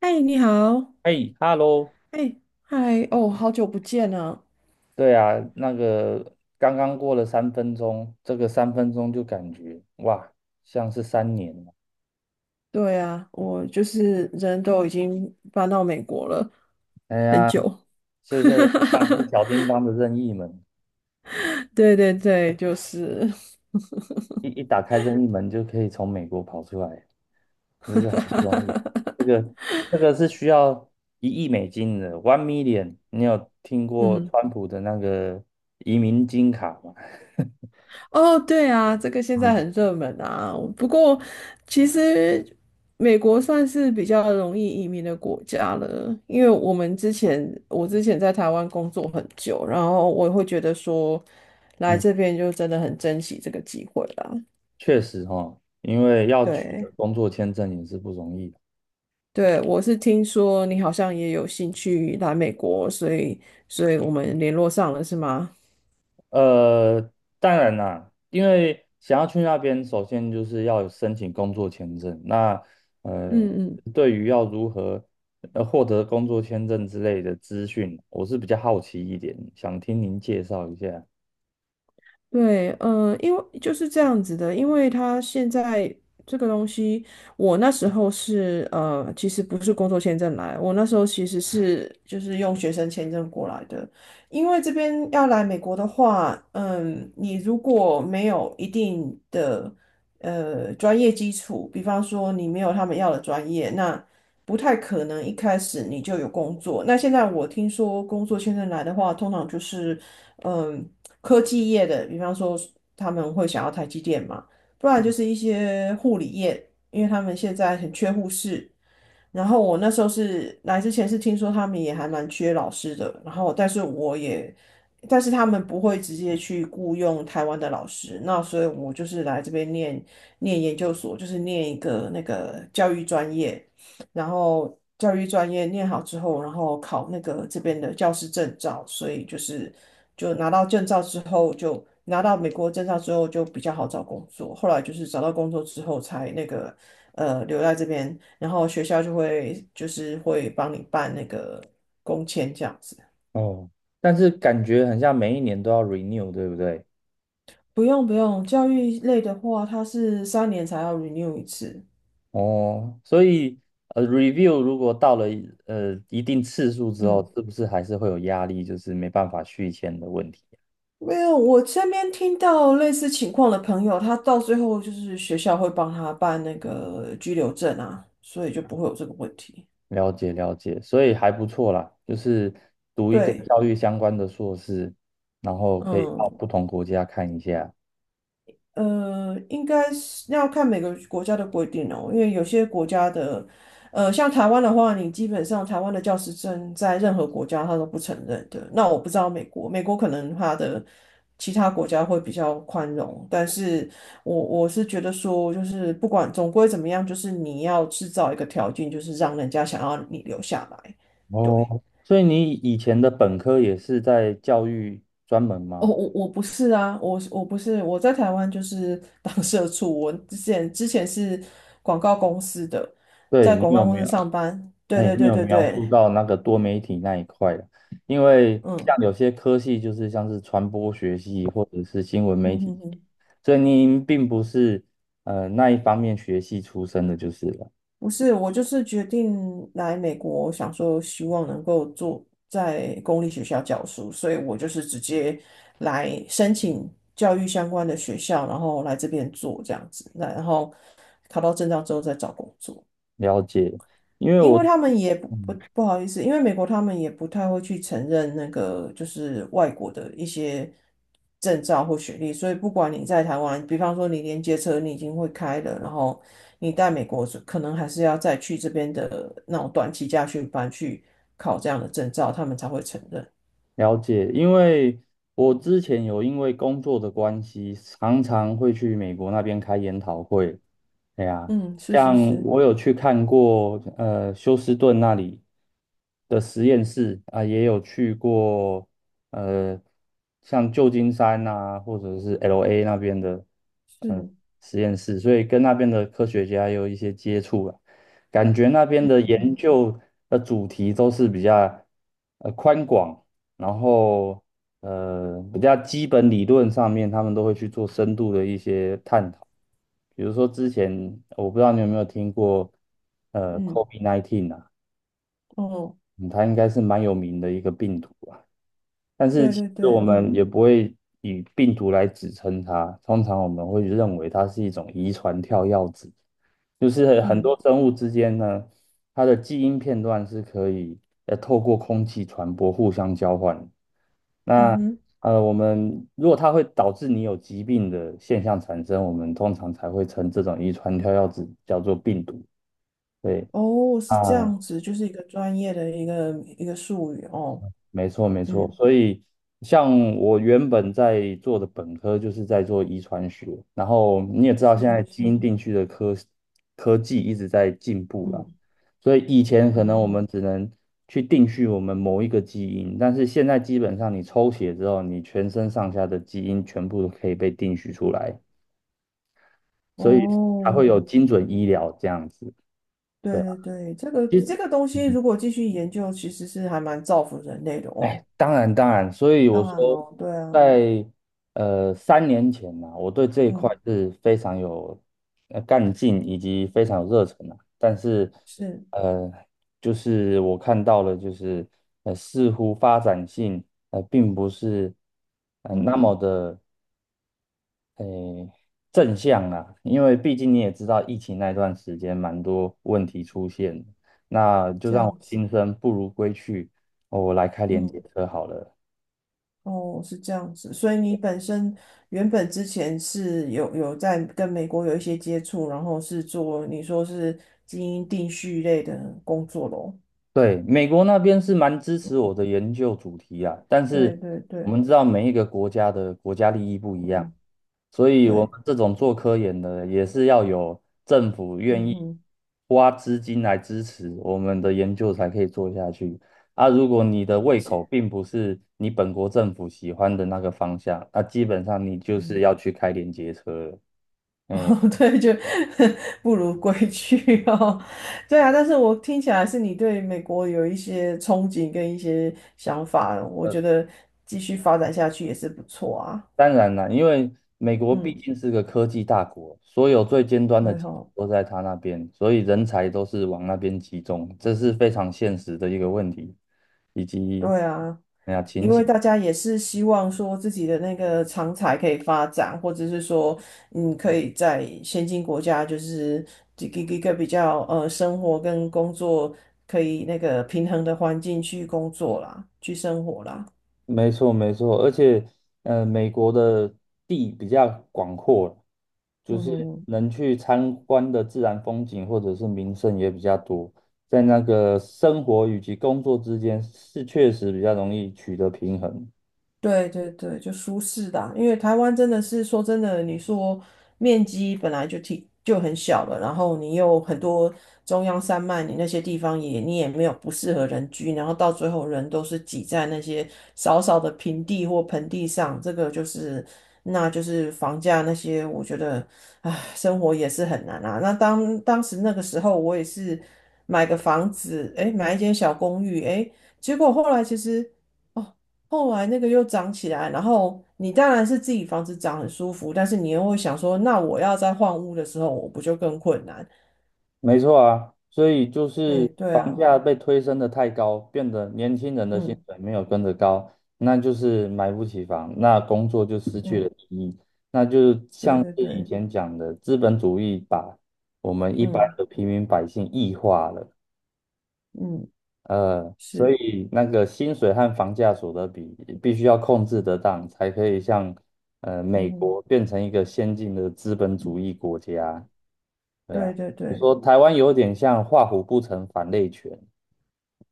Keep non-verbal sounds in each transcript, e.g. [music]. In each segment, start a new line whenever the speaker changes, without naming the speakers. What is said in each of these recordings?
嗨，你好，
哎，Hello，
哎，嗨，哦，好久不见啊！
对啊，那个刚刚过了三分钟，这个三分钟就感觉哇，像是三年了。
对啊，我就是人都已经搬到美国了，
哎
很
呀，
久。
就是像是小
[laughs]
叮当的任意门，
对对对，就是，
打开任意门就可以从美国跑出来，这是很不容易。这个这个是需要1亿美金的，$1,000,000。你有听过
嗯，
川普的那个移民金卡吗？
哦，对啊，这个现在
嗯
很热门啊。不过，其实美国算是比较容易移民的国家了，因为我之前在台湾工作很久，然后我会觉得说，来
嗯，
这边就真的很珍惜这个机会啦。
确实哈，因为要取得
对。
工作签证也是不容易。
对，我是听说你好像也有兴趣来美国，所以我们联络上了，是吗？
呃，当然啦，因为想要去那边，首先就是要有申请工作签证。那呃，
嗯嗯。
对于要如何获得工作签证之类的资讯，我是比较好奇一点，想听您介绍一下。
对，嗯，因为就是这样子的，因为他现在这个东西，我那时候是其实不是工作签证来，我那时候其实是就是用学生签证过来的，因为这边要来美国的话，你如果没有一定的专业基础，比方说你没有他们要的专业，那不太可能一开始你就有工作。那现在我听说工作签证来的话，通常就是。嗯，科技业的，比方说他们会想要台积电嘛，不然就是一些护理业，因为他们现在很缺护士，然后我那时候是来之前是听说他们也还蛮缺老师的，然后但是他们不会直接去雇佣台湾的老师，那所以我就是来这边念研究所，就是念一个那个教育专业，然后教育专业念好之后，然后考那个这边的教师证照，所以就拿到证照之后就。拿到美国证照之后就比较好找工作，后来就是找到工作之后才那个留在这边然后学校就会就是会帮你办那个工签这样子。
哦，但是感觉很像每一年都要 renew，对不对？
不用不用，教育类的话，它是3年才要 renew 一次。
哦，所以review 如果到了一定次数之
嗯，
后，是不是还是会有压力，就是没办法续签的问题？
没有，我身边听到类似情况的朋友，他到最后就是学校会帮他办那个居留证啊，所以就不会有这个问题。
了解了解，所以还不错啦，就是读一个
对，
教育相关的硕士，然后可以到
嗯。
不同国家看一下。
应该是那要看每个国家的规定哦，因为有些国家的，像台湾的话，你基本上台湾的教师证在任何国家他都不承认的。那我不知道美国可能他的其他国家会比较宽容，但是我是觉得说，就是不管总归怎么样，就是你要制造一个条件，就是让人家想要你留下来。对，
哦，所以你以前的本科也是在教育专门
哦，
吗？
我不是啊，我不是，我在台湾就是 [laughs] 当社畜，我之前是广告公司的，
对，
在
你
广
有
告公
没
司
有？
上班。对
嘿，
对
你
对
有
对
描
对，
述到那个多媒体那一块的？因为像
嗯
有些科系就是像是传播学系或者是新闻
嗯
媒体，
嗯嗯，
所以您并不是那一方面学系出身的，就是了。
不是，我就是决定来美国，想说希望能够做在公立学校教书，所以我就是直接来申请教育相关的学校，然后来这边做这样子，那然后考到证照之后再找工作。
了解，因为
因为
我。
他们也不好意思，因为美国他们也不太会去承认那个就是外国的一些证照或学历，所以不管你在台湾，比方说你连接车你已经会开了，然后你在美国是可能还是要再去这边的那种短期家训班去考这样的证照，他们才会承认。
了解，因为我之前有因为工作的关系，常常会去美国那边开研讨会。哎呀，
嗯，是是
像
是
我有去看过，休斯顿那里的实验室啊，也有去过，呃，像旧金山啊，或者是 LA 那边的，呃，
是，
实验室，所以跟那边的科学家有一些接触啊，感觉那边
嗯
的研
哼
究的主题都是比较，宽广。然后比较基本理论上面，他们都会去做深度的一些探讨。比如说之前我不知道你有没有听过，
嗯
COVID-19 啊，
哦，
嗯它应该是蛮有名的一个病毒。啊。但是
对
其
对
实我
对，
们
嗯
也不会以病毒来指称它，通常我们会认为它是一种遗传跳药子，就是很多
嗯
生物之间呢，它的基因片段是可以透过空气传播互相交换。
嗯
那
哼，
呃，我们如果它会导致你有疾病的现象产生，我们通常才会称这种遗传跳药子叫做病毒。对
哦，
啊，
是这样子，就是一个专业的一个术语哦。
没错，没错。
嗯
所以，像我原本在做的本科就是在做遗传学，然后你也知道，现
是
在
是
基
是，
因定序的科技一直在进步了。
嗯
所以以前可能
嗯
我
嗯，
们只能去定序我们某一个基因，但是现在基本上你抽血之后，你全身上下的基因全部都可以被定序出来，所以才会有
哦，
精准医疗这样子。
对
对啊，
对对，这个
其实。
这个东西如果继续研究，其实是还蛮造福人类的哦。
哎，当然当然，所以我
当然
说
咯，对啊，
在，呃3年前呢、我对这一块
嗯，
是非常有干劲以及非常有热忱的。但是，
是，
呃，就是我看到了，就是似乎发展性并不是
嗯，
那么的呃正向啊，因为毕竟你也知道，疫情那段时间蛮多问题出现的，那就
这
让我
样子，
心生不如归去，哦我来开联结
嗯，
车好了。
哦，是这样子。所以你本身原本之前是有在跟美国有一些接触，然后是做你说是基因定序类的工作咯。
对，美国那边是蛮支持我的研究主题啊，但
对
是
对
我
对，
们知道每一个国家的国家利益不一样，
嗯，
所以我
对，
们这种做科研的也是要有政府愿
嗯
意
哼，
花资金来支持我们的研究才可以做下去。啊，如果你的
了
胃口
解，
并不是你本国政府喜欢的那个方向，那基本上你就是
嗯。
要去开连接车了。
哦，
哎，
[laughs] 对，就 [laughs] 不如归去哦。[laughs] 对啊，但是我听起来是你对美国有一些憧憬跟一些想法，我觉得继续发展下去也是不错啊。
当然了，因为美国毕
嗯，
竟是个科技大国，所有最尖端的
对
技术
吼，
都在他那边，所以人才都是往那边集中，这是非常现实的一个问题，以及
对啊，
哎呀情
因为
形。
大家也是希望说自己的那个长才可以发展，或者是说，可以在先进国家就是一个比较生活跟工作可以那个平衡的环境去工作啦，去生活啦。
没错，没错，而且美国的地比较广阔，就
嗯哼
是
哼
能去参观的自然风景或者是名胜也比较多，在那个生活以及工作之间是确实比较容易取得平衡。
对对对，就舒适的啊因为台湾真的是说真的，你说面积本来就挺就很小了，然后你又很多中央山脉，你那些地方也你也没有不适合人居，然后到最后人都是挤在那些少少的平地或盆地上，这个就是那就是房价那些，我觉得唉，生活也是很难啊。那当时那个时候，我也是买个房子，诶，买一间小公寓，诶，结果后来其实。哦，后来那个又长起来，然后你当然是自己房子长很舒服，但是你又会想说，那我要再换屋的时候，我不就更困难？
没错啊，所以就
哎，
是
对
房
啊，
价被推升的太高，变得年轻人的薪
嗯
水没有跟着高，那就是买不起房，那工作就失去了
嗯，
意义。那就
对
像
对
是以
对，
前讲的，资本主义把我们一般
嗯
的平民百姓异化了，
嗯
所
是，
以那个薪水和房价所得比必须要控制得当，才可以像
嗯
美
哼
国变成一个先进的资本主义国家。对
对
呀，
对
你
对，
说台湾有点像画虎不成反类犬，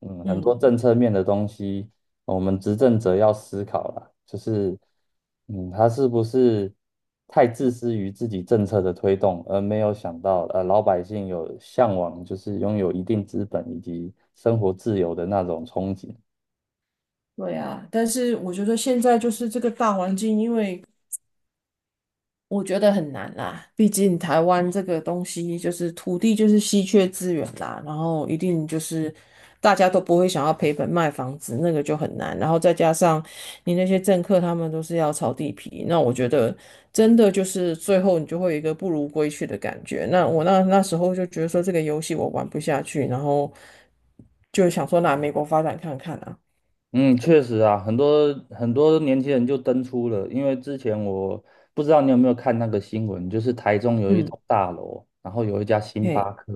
嗯，很多
嗯
政策面的东西，我们执政者要思考啦，就是，嗯，他是不是太自私于自己政策的推动，而没有想到，老百姓有向往，就是拥有一定资本以及生活自由的那种憧憬，
对啊。但是我觉得现在就是这个大环境，因为我觉得很难啦，毕竟台湾这个东西就是土地就是稀缺资源啦，然后一定就是大家都不会想要赔本卖房子，那个就很难。然后再加上你那些政客他们都是要炒地皮，那我觉得真的就是最后你就会有一个不如归去的感觉。那我那时候就觉得说这个游戏我玩不下去，然后就想说拿美国发展看看啊，
嗯，确实啊，很多很多年轻人就登出了，因为之前我不知道你有没有看那个新闻，就是台中有一
嗯，
栋大楼，然后有一家星巴
嘿，
克，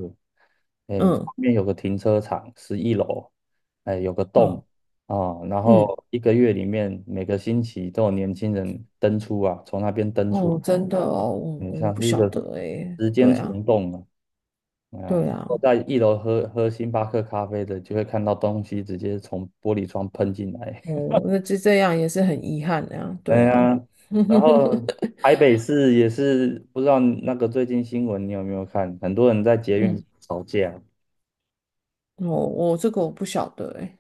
哎，
嗯
旁边有个停车场，11楼，哎，有个
嗯
洞啊，然
嗯。
后1个月里面每个星期都有年轻人登出啊，从那边登出，
哦，真的哦，我
哎，
我
像
不
是一
晓
个
得诶，
时间
对啊，
虫洞啊，嗯，
对
坐
啊，
在一楼喝喝星巴克咖啡的，就会看到东西直接从玻璃窗喷进来。
哦，那就这样也是很遗憾的呀，
哎
对啊，
呀，
[laughs]
然后台北市也是不知道那个最近新闻你有没有看？很多人在捷运
嗯，
吵架。
我这个我不晓得诶，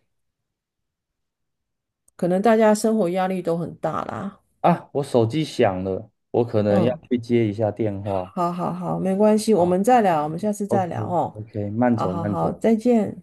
可能大家生活压力都很大啦，
啊！我手机响了，我可能要
嗯，
去接一下电话。
好好好，没关系，我
啊。
们再聊，我们下次再聊
OK
哦，
OK，慢
好
走
好
慢
好，
走。
再见。